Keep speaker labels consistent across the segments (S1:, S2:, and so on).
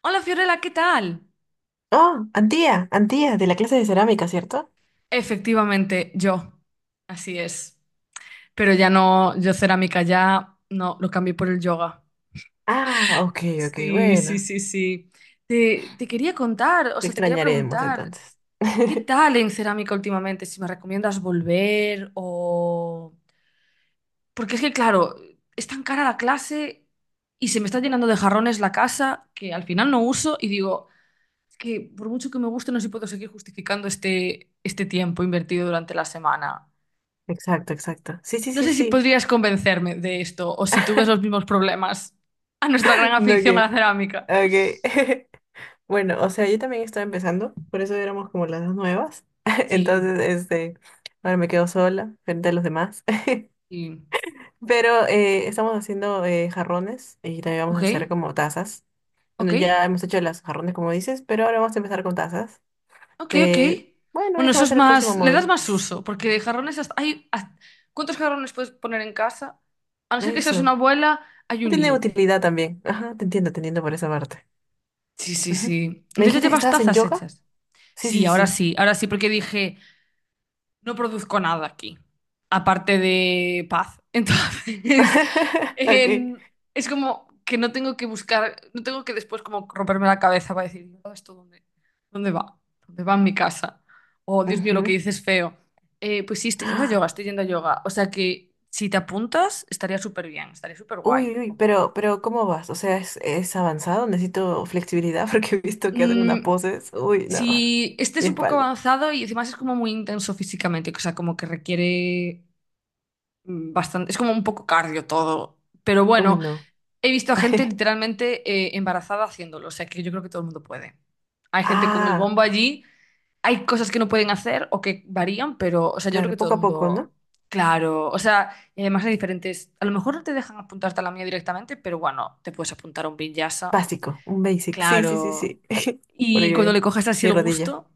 S1: Hola Fiorella, ¿qué tal?
S2: Oh, Antía, Antía, de la clase de cerámica, ¿cierto?
S1: Efectivamente, yo. Así es. Pero ya no, yo cerámica ya no, lo cambié por el yoga.
S2: Ah, ok, ok,
S1: Sí, sí,
S2: bueno.
S1: sí, sí. Te quería contar, o
S2: Te
S1: sea, te quería
S2: extrañaremos
S1: preguntar,
S2: entonces.
S1: ¿qué tal en cerámica últimamente? Si me recomiendas volver o... Porque es que, claro, es tan cara la clase y se me está llenando de jarrones la casa que al final no uso y digo, es que por mucho que me guste, no sé si puedo seguir justificando este tiempo invertido durante la semana.
S2: Exacto, exacto. Sí, sí,
S1: No
S2: sí,
S1: sé si
S2: sí.
S1: podrías convencerme de esto o si tú ves los mismos problemas a nuestra gran
S2: No,
S1: afición a la
S2: que,
S1: cerámica.
S2: ok. Bueno, o sea, yo también estaba empezando, por eso éramos como las dos nuevas.
S1: Sí,
S2: Entonces, ahora me quedo sola frente a los demás.
S1: sí.
S2: Pero estamos haciendo jarrones y también vamos
S1: Ok,
S2: a hacer como tazas. Bueno,
S1: ok,
S2: ya hemos hecho las jarrones, como dices, pero ahora vamos a empezar con tazas.
S1: ok, ok.
S2: Eh, bueno,
S1: Bueno,
S2: eso
S1: eso
S2: va a
S1: es
S2: ser el próximo
S1: más, le das
S2: módulo.
S1: más uso, porque de jarrones ¿cuántos jarrones puedes poner en casa? A no ser que seas una
S2: Eso.
S1: abuela, hay
S2: No
S1: un
S2: tiene
S1: límite.
S2: utilidad también. Ajá, te entiendo por esa parte.
S1: Sí, sí,
S2: Ujú.
S1: sí.
S2: ¿Me
S1: Entonces ya
S2: dijiste que
S1: llevas
S2: estabas en
S1: tazas
S2: yoga?
S1: hechas.
S2: Sí, sí,
S1: Sí,
S2: sí,
S1: ahora
S2: sí.
S1: sí, ahora sí, porque dije, no produzco nada aquí, aparte de paz. Entonces,
S2: Ok.
S1: en- es como que no tengo que buscar, no tengo que después como romperme la cabeza para decir, "¿todo esto dónde, dónde va? ¿Dónde va en mi casa?" Oh, Dios mío, lo que
S2: Ujú.
S1: dices es feo. Pues sí, estoy yendo a yoga,
S2: Ah,
S1: estoy yendo a yoga. O sea que si te apuntas, estaría súper bien, estaría súper guay
S2: uy, uy, uy,
S1: acompañar.
S2: pero ¿cómo vas? O sea, es avanzado? Necesito flexibilidad porque he visto que hacen unas
S1: Mm,
S2: poses. Uy, no.
S1: si este es
S2: Mi
S1: un poco
S2: espalda.
S1: avanzado y además es como muy intenso físicamente, o sea, como que requiere bastante, es como un poco cardio todo. Pero
S2: Uy,
S1: bueno,
S2: no.
S1: he visto a gente literalmente embarazada haciéndolo, o sea que yo creo que todo el mundo puede. Hay gente con el
S2: Ah,
S1: bombo allí, hay cosas que no pueden hacer o que varían, pero, o sea, yo creo que
S2: claro,
S1: todo
S2: poco
S1: el
S2: a poco,
S1: mundo,
S2: ¿no?
S1: claro, o sea, y además hay diferentes, a lo mejor no te dejan apuntarte a la mía directamente, pero bueno, te puedes apuntar a un Vinyasa.
S2: Básico, un basic. Sí, sí, sí,
S1: Claro.
S2: sí.
S1: Y cuando
S2: Porque
S1: le coges así
S2: mi
S1: el
S2: rodilla.
S1: gusto,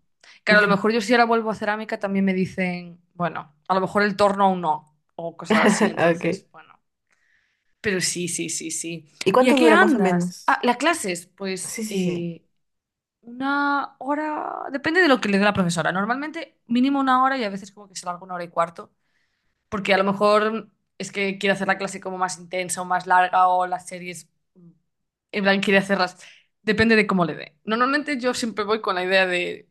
S1: claro, a lo mejor yo si ahora vuelvo a cerámica también me dicen, bueno, a lo mejor el torno aún no, o cosas así,
S2: Ok.
S1: entonces, bueno. Pero sí, sí, sí, sí.
S2: ¿Y
S1: ¿Y a
S2: cuánto
S1: qué
S2: dura más o
S1: andas? Ah,
S2: menos?
S1: las clases, pues
S2: Sí, sí, sí.
S1: una hora, depende de lo que le dé la profesora. Normalmente mínimo una hora y a veces como que se larga una hora y cuarto, porque a lo mejor es que quiere hacer la clase como más intensa o más larga o las series, mm, en plan, quiere hacerlas. Depende de cómo le dé. Normalmente yo siempre voy con la idea de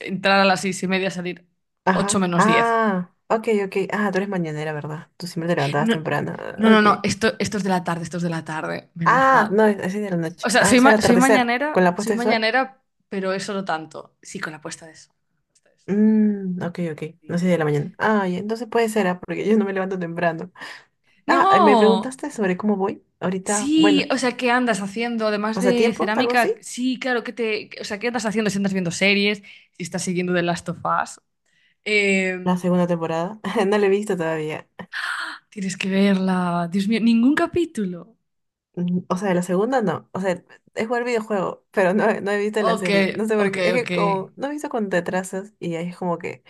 S1: entrar a las seis y media, salir ocho
S2: Ajá.
S1: menos diez.
S2: Ah, ok, ok. Ah, tú eres mañanera, ¿verdad? Tú siempre te levantabas
S1: No,
S2: temprano. Ah,
S1: no, no,
S2: ok.
S1: no, esto es de la tarde, esto es de la tarde, menos
S2: Ah,
S1: mal.
S2: no, es así de la
S1: O
S2: noche.
S1: sea,
S2: Ah, o
S1: soy,
S2: sea, el atardecer, con la
S1: soy
S2: puesta de sol.
S1: mañanera, pero eso no tanto. Sí, con la puesta de sol, con la puesta de sol,
S2: Mmm, ok, ok. No sé
S1: sí.
S2: de la mañana. Ay, entonces puede ser, ah, porque yo no me levanto temprano. Ah, me
S1: No,
S2: preguntaste sobre cómo voy. Ahorita,
S1: sí,
S2: bueno,
S1: o sea, ¿qué andas haciendo? Además de
S2: pasatiempos, algo
S1: cerámica,
S2: así.
S1: sí, claro, ¿qué te, o sea, ¿qué andas haciendo? Si andas viendo series, si estás siguiendo The Last of Us?
S2: La
S1: Eh,
S2: segunda temporada. No la he visto todavía.
S1: Tienes que verla. Dios mío, ningún capítulo.
S2: Mm, o sea, la segunda no. O sea, es jugar videojuego, pero no, no he visto la
S1: Ok,
S2: serie. No sé por
S1: ok,
S2: qué. Es
S1: ok.
S2: que como no he visto con te atrasas y ahí es como que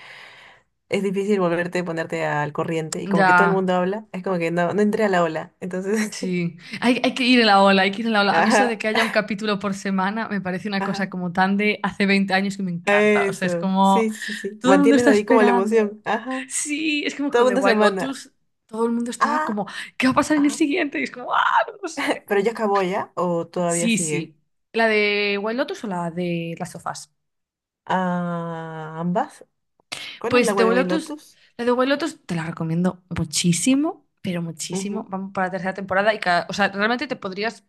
S2: es difícil volverte, ponerte al corriente y como que todo el
S1: Ya,
S2: mundo habla, es como que no, no entré a la ola. Entonces,
S1: sí. Hay que ir en la ola, hay que ir en la ola. A mí eso de
S2: ajá,
S1: que haya un capítulo por semana me parece una cosa
S2: ajá,
S1: como tan de hace 20 años que me encanta. O sea, es
S2: eso,
S1: como
S2: sí, sí, sí, sí.
S1: todo el mundo
S2: Mantienes
S1: está
S2: ahí como la
S1: esperando.
S2: emoción, ajá,
S1: Sí, es como con
S2: toda
S1: The
S2: una
S1: Wild
S2: semana,
S1: Lotus, todo el mundo estaba
S2: ah,
S1: como, ¿qué va a pasar en el
S2: ajá.
S1: siguiente? Y es como, ah, no lo sé.
S2: Pero ya acabó ya o todavía
S1: Sí,
S2: sigue.
S1: sí. ¿La de Wild Lotus o la de las sofás?
S2: Ah, ambas. ¿Cuál es la
S1: Pues de
S2: White
S1: Lotus,
S2: Lotus?
S1: la de White Lotus te la recomiendo muchísimo, pero muchísimo.
S2: Ujú.
S1: Vamos para la tercera temporada y cada, o sea, realmente te podrías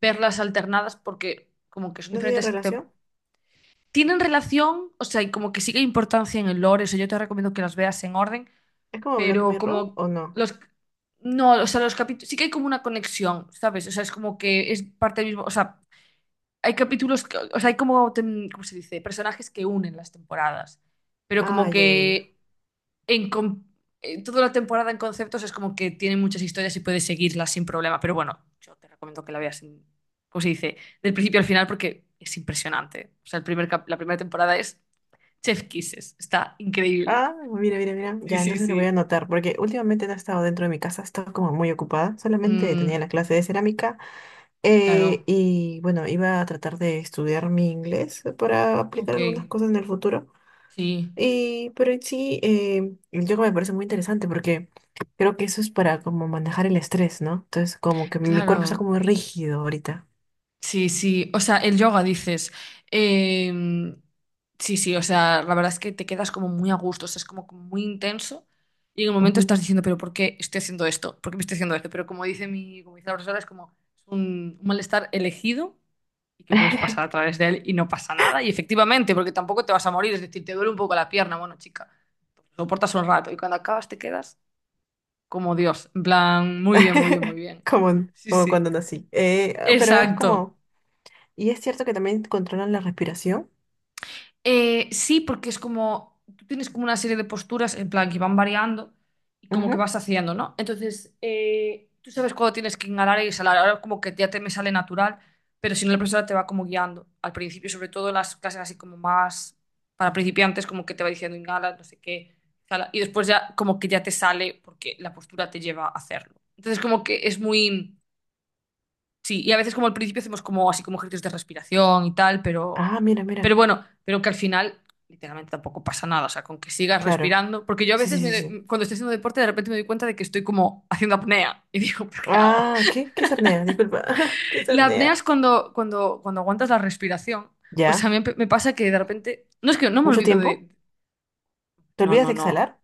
S1: verlas alternadas porque como que son
S2: ¿No tiene
S1: diferentes,
S2: relación?
S1: tienen relación, o sea, y como que sigue importancia en el lore, o sea, yo te recomiendo que las veas en orden,
S2: ¿Es como Black
S1: pero
S2: Mirror
S1: como
S2: o no?
S1: los no, o sea, los capítulos sí que hay como una conexión, ¿sabes? O sea, es como que es parte del mismo, o sea, hay capítulos, o sea, hay como, ¿cómo se dice? Personajes que unen las temporadas, pero
S2: Ah,
S1: como
S2: ya, ya, ya.
S1: que en con- toda la temporada en conceptos es como que tiene muchas historias y puedes seguirlas sin problema. Pero bueno, yo te recomiendo que la veas, ¿cómo se dice? Del principio al final porque es impresionante. O sea, el la primera temporada es Chef Kisses. Está increíble.
S2: Ah, mira, mira, mira.
S1: Sí,
S2: Ya,
S1: sí,
S2: entonces lo voy a
S1: sí.
S2: anotar, porque últimamente no he estado dentro de mi casa, he estado como muy ocupada. Solamente
S1: Mm,
S2: tenía la clase de cerámica
S1: claro.
S2: y bueno, iba a tratar de estudiar mi inglés para
S1: Ok.
S2: aplicar algunas cosas en el futuro.
S1: Sí.
S2: Y, pero en sí, el yoga me parece muy interesante porque creo que eso es para como manejar el estrés, ¿no? Entonces, como que mi cuerpo está
S1: Claro.
S2: como rígido ahorita.
S1: Sí, sí, o sea, el yoga dices. Em, sí, sí, o sea, la verdad es que te quedas como muy a gusto, o sea, es como muy intenso y en el momento
S2: Ujú.
S1: estás diciendo, pero ¿por qué estoy haciendo esto? ¿Por qué me estoy haciendo esto? Pero como dice mi, como dice la profesora, es como es un malestar elegido y que puedes pasar a través de él y no pasa nada. Y efectivamente, porque tampoco te vas a morir, es decir, te duele un poco la pierna, bueno, chica, lo soportas un rato y cuando acabas te quedas como Dios, en plan, muy bien, muy bien, muy bien.
S2: Como,
S1: Sí,
S2: como
S1: sí,
S2: cuando nací. Pero es
S1: exacto.
S2: como, y es cierto que también controlan la respiración.
S1: Sí, porque es como, tú tienes como una serie de posturas en plan que van variando y como que vas haciendo, ¿no? Entonces, tú sabes cuándo tienes que inhalar y exhalar. Ahora como que ya te me sale natural, pero si no, la profesora te va como guiando. Al principio, sobre todo en las clases así como más para principiantes, como que te va diciendo inhala, no sé qué, exhala, y después ya como que ya te sale porque la postura te lleva a hacerlo. Entonces, como que es muy... Sí, y a veces como al principio hacemos como así como ejercicios de respiración y tal,
S2: Ah, mira,
S1: pero
S2: mira.
S1: bueno, pero que al final literalmente tampoco pasa nada, o sea, con que sigas
S2: Claro.
S1: respirando, porque yo a
S2: Sí, sí,
S1: veces
S2: sí, sí.
S1: cuando estoy haciendo deporte de repente me doy cuenta de que estoy como haciendo apnea y digo, ¿pero qué hago?
S2: Ah, ¿qué? ¿Qué es apnea? Disculpa. ¿Qué es
S1: La apnea es
S2: apnea?
S1: cuando, cuando aguantas la respiración, pues a
S2: ¿Ya?
S1: mí me pasa que de repente, no es que no me
S2: ¿Mucho
S1: olvido
S2: tiempo?
S1: de,
S2: ¿Te
S1: no,
S2: olvidas
S1: no,
S2: de
S1: no.
S2: exhalar?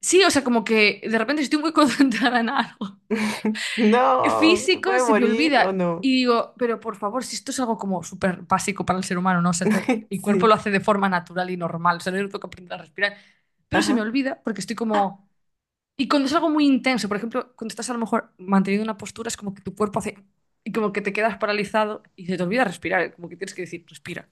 S1: Sí, o sea, como que de repente si estoy muy concentrada en algo
S2: No, ¿te
S1: físico
S2: puedes
S1: se me
S2: morir o
S1: olvida. Y
S2: no?
S1: digo, pero por favor, si esto es algo como súper básico para el ser humano, ¿no? O sea, el cuerpo lo
S2: Sí.
S1: hace de forma natural y normal, o sea, no tengo que aprender a respirar. Pero se me
S2: Ajá.
S1: olvida porque estoy
S2: ¡Ah!
S1: como... Y cuando es algo muy intenso, por ejemplo, cuando estás a lo mejor manteniendo una postura, es como que tu cuerpo hace... Y como que te quedas paralizado y se te olvida respirar, ¿eh? Como que tienes que decir, respira.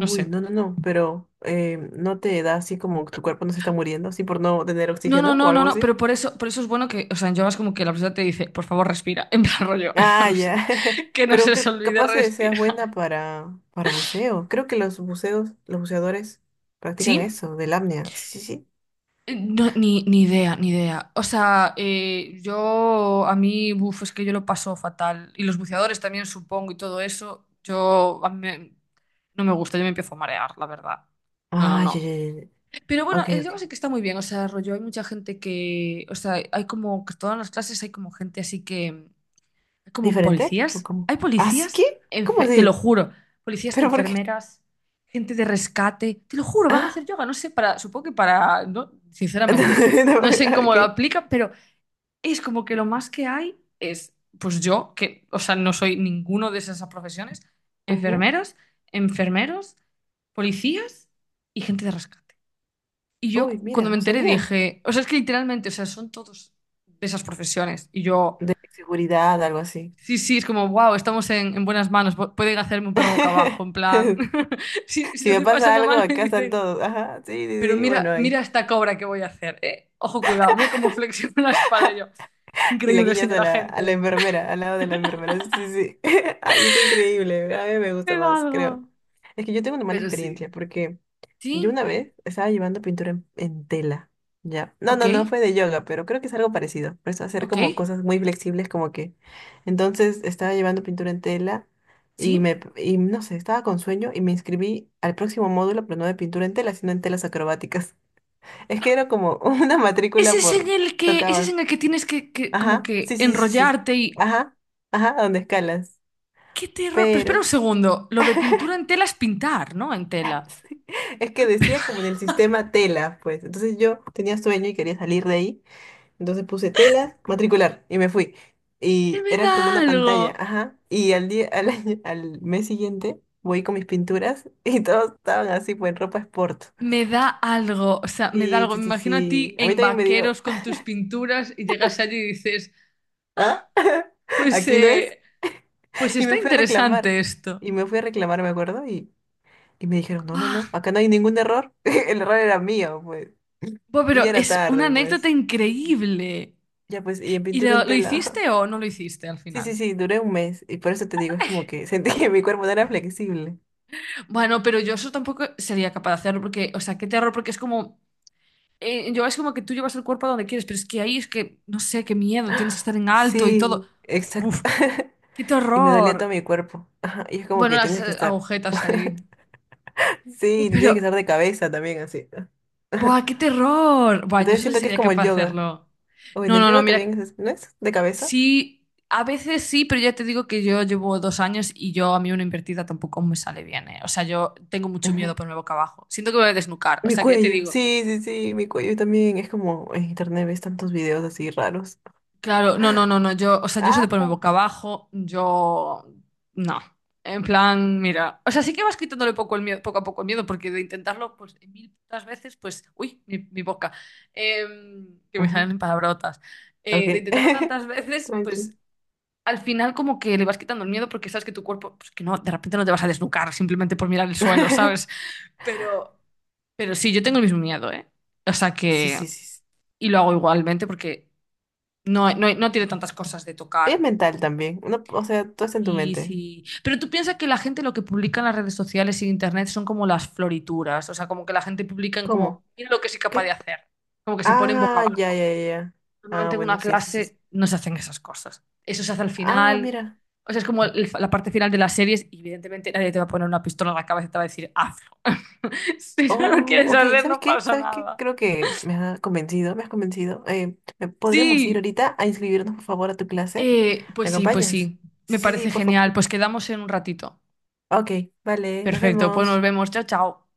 S1: No sé.
S2: no, no, no, pero ¿no te da así como tu cuerpo no se está muriendo, así por no tener
S1: No, no,
S2: oxígeno o
S1: no, no,
S2: algo
S1: no,
S2: así?
S1: pero por eso es bueno que, o sea, en yoga es como que la persona te dice, por favor, respira, en plan rollo,
S2: Ah,
S1: no sé,
S2: ya.
S1: que no
S2: Pero
S1: se os
S2: que
S1: olvide
S2: capaz seas buena
S1: respirar.
S2: para buceo. Creo que los buceos, los buceadores practican
S1: ¿Sí?
S2: eso, del apnea. Sí, sí, sí.
S1: No, ni idea, ni idea. O sea, yo a mí, buf, es que yo lo paso fatal. Y los buceadores también, supongo, y todo eso. Yo, no me gusta, yo me empiezo a marear, la verdad. No, no,
S2: Ah, ya,
S1: no.
S2: ya, ya, ya.
S1: Pero bueno,
S2: Ok,
S1: el
S2: ok.
S1: yoga sí que está muy bien. O sea, rollo, hay mucha gente que, o sea, hay como que todas las clases hay como gente así como
S2: ¿Diferente? ¿O
S1: policías.
S2: cómo?
S1: Hay
S2: ¿Así
S1: policías,
S2: que? ¿Cómo
S1: te lo
S2: así?
S1: juro. Policías,
S2: ¿Pero por qué?
S1: enfermeras, gente de rescate. Te lo juro, van a hacer
S2: Ah,
S1: yoga. No sé, para, supongo que para, no, sinceramente,
S2: no, no,
S1: no sé en
S2: ah,
S1: cómo lo
S2: ok.
S1: aplica, pero es como que lo más que hay es, pues yo, que, o sea, no soy ninguno de esas profesiones,
S2: Ujú.
S1: enfermeras, enfermeros, policías y gente de rescate. Y yo
S2: Uy,
S1: cuando
S2: mira,
S1: me
S2: no
S1: enteré
S2: sabía.
S1: dije, o sea, es que literalmente, o sea, son todos de esas profesiones. Y yo...
S2: De seguridad, algo así.
S1: Sí, sí, es como, wow, estamos en buenas manos, pueden hacerme un perro boca abajo, en plan, si, si
S2: Si
S1: lo
S2: me
S1: estoy
S2: pasa
S1: pasando
S2: algo,
S1: mal me
S2: acá están
S1: dicen,
S2: todos. Ajá, sí, sí,
S1: pero
S2: sí. Bueno,
S1: mira,
S2: ahí.
S1: mira esta cobra que voy a hacer, ¿eh? Ojo, cuidado, mira cómo flexiono la espalda y yo.
S2: Y la
S1: Increíble,
S2: guillas
S1: señora
S2: a la
S1: gente.
S2: enfermera, al lado de la enfermera. Sí, sí, sí. Ay, es increíble. A mí me gusta
S1: Me da
S2: más, creo.
S1: algo.
S2: Es que yo tengo una mala
S1: Pero sí.
S2: experiencia porque yo
S1: Sí,
S2: una vez estaba llevando pintura en tela. Ya. No,
S1: ok,
S2: no, no, fue de yoga, pero creo que es algo parecido. Por eso hacer
S1: ok,
S2: como cosas muy flexibles, como que. Entonces estaba llevando pintura en tela y
S1: sí.
S2: me, y no sé, estaba con sueño y me inscribí al próximo módulo, pero no de pintura en tela, sino en telas acrobáticas. Es que era como una
S1: Ese
S2: matrícula
S1: es en
S2: por,
S1: el que, ese es
S2: tocaba.
S1: en el que tienes que como
S2: Ajá,
S1: que
S2: sí, sí, sí, sí, sí.
S1: enrollarte y...
S2: Ajá, ajá, a donde escalas.
S1: ¡Qué terror! Pero espera un
S2: Pero
S1: segundo, lo de pintura en tela es pintar, ¿no? En tela.
S2: sí, es que decía como en el sistema tela, pues. Entonces yo tenía sueño y quería salir de ahí. Entonces puse tela, matricular y me fui.
S1: ¿Qué
S2: Y
S1: me
S2: era como
S1: da
S2: una pantalla,
S1: algo?
S2: ajá. Y al día, al al mes siguiente voy con mis pinturas y todos estaban así, pues en ropa sport.
S1: Me da algo, o sea, me da
S2: Sí,
S1: algo.
S2: sí,
S1: Me
S2: sí,
S1: imagino a ti
S2: sí. A mí
S1: en
S2: también me dio,
S1: vaqueros con tus pinturas y llegas allí y dices,
S2: ¿ah?
S1: pues,
S2: Aquí no es.
S1: pues
S2: Y
S1: está
S2: me fui a reclamar.
S1: interesante esto.
S2: Y me fui a reclamar, me acuerdo, y Y me dijeron, no, no,
S1: Buah,
S2: no, acá no hay ningún error. El error era mío, pues.
S1: buah,
S2: Y
S1: pero
S2: ya era
S1: es una
S2: tarde,
S1: anécdota
S2: pues.
S1: increíble.
S2: Ya, pues, y en
S1: ¿Y
S2: pintura en
S1: lo
S2: tela.
S1: hiciste o no lo hiciste al
S2: Sí, sí,
S1: final?
S2: sí, duré un mes. Y por eso te digo, es como que sentí que mi cuerpo no era flexible.
S1: Bueno, pero yo eso tampoco sería capaz de hacerlo porque, o sea, qué terror, porque es como, yo es como que tú llevas el cuerpo a donde quieres, pero es que ahí es que, no sé, qué miedo, tienes que estar en alto y todo.
S2: Sí, exacto.
S1: Uf, qué
S2: Y me dolía todo
S1: terror.
S2: mi cuerpo. Ajá, y es como
S1: Bueno,
S2: que
S1: las
S2: tienes que estar.
S1: agujetas ahí.
S2: Sí, te
S1: Pero
S2: tienes que estar de cabeza también, así.
S1: ¡buah, qué terror! Buah, yo
S2: Entonces
S1: solo
S2: siento que es
S1: sería
S2: como el
S1: capaz de
S2: yoga.
S1: hacerlo.
S2: O en
S1: No,
S2: el
S1: no, no,
S2: yoga
S1: mira,
S2: también es, ¿no es? De cabeza.
S1: sí, a veces sí, pero ya te digo que yo llevo 2 años y yo a mí una invertida tampoco me sale bien, ¿eh? O sea, yo tengo mucho miedo ponerme boca abajo. Siento que me voy a desnucar. O
S2: Mi
S1: sea, que ya te
S2: cuello,
S1: digo,
S2: sí, sí, sí, mi cuello también. Es como en internet ves tantos videos así raros.
S1: claro, no, no, no, no, yo, o sea, yo soy de
S2: Ah,
S1: ponerme
S2: no,
S1: boca abajo, yo, no, en plan, mira, o sea, sí que vas quitándole poco el miedo, poco a poco el miedo, porque de intentarlo, pues, mil putas veces, pues, uy, mi boca, que me
S2: ujú,
S1: salen palabrotas, de
S2: ok.
S1: intentarlo tantas veces, pues,
S2: Tranqui.
S1: al final como que le vas quitando el miedo porque sabes que tu cuerpo, pues, que no, de repente no te vas a desnucar simplemente por mirar el suelo, ¿sabes? Pero, pero sí, yo tengo el mismo miedo, ¿eh? O sea
S2: Sí,
S1: que,
S2: sí, sí, sí.
S1: y lo hago igualmente porque no, no, no tiene tantas cosas de
S2: Es
S1: tocar.
S2: mental también. No, o sea, todo está en tu
S1: Sí,
S2: mente.
S1: sí. Pero tú piensas que la gente lo que publica en las redes sociales y en internet son como las florituras, o sea, como que la gente publica en
S2: ¿Cómo?
S1: como, mira lo que soy capaz
S2: ¿Qué?
S1: de hacer, como que se ponen boca
S2: Ah, ya,
S1: abajo.
S2: ya, ya, ya. Ah,
S1: Normalmente en
S2: bueno,
S1: una
S2: sí, sí, sí, sí.
S1: clase no se hacen esas cosas. Eso se hace al
S2: Ah,
S1: final,
S2: mira.
S1: o sea, es como la parte final de las series y evidentemente nadie te va a poner una pistola en la cabeza y te va a decir, hazlo. Si no lo
S2: Oh,
S1: quieres
S2: ok.
S1: hacer,
S2: ¿Sabes
S1: no
S2: qué?
S1: pasa
S2: ¿Sabes qué?
S1: nada.
S2: Creo que me has convencido, me has convencido. ¿Me podríamos ir
S1: Sí,
S2: ahorita a inscribirnos, por favor, a tu clase?
S1: Eh,
S2: ¿Me
S1: pues sí, pues
S2: acompañas?
S1: sí. Me
S2: Sí, sí, sí,
S1: parece
S2: por
S1: genial.
S2: favor.
S1: Pues quedamos en un ratito.
S2: Ok, vale, nos
S1: Perfecto, pues nos
S2: vemos.
S1: vemos. Chao, chao.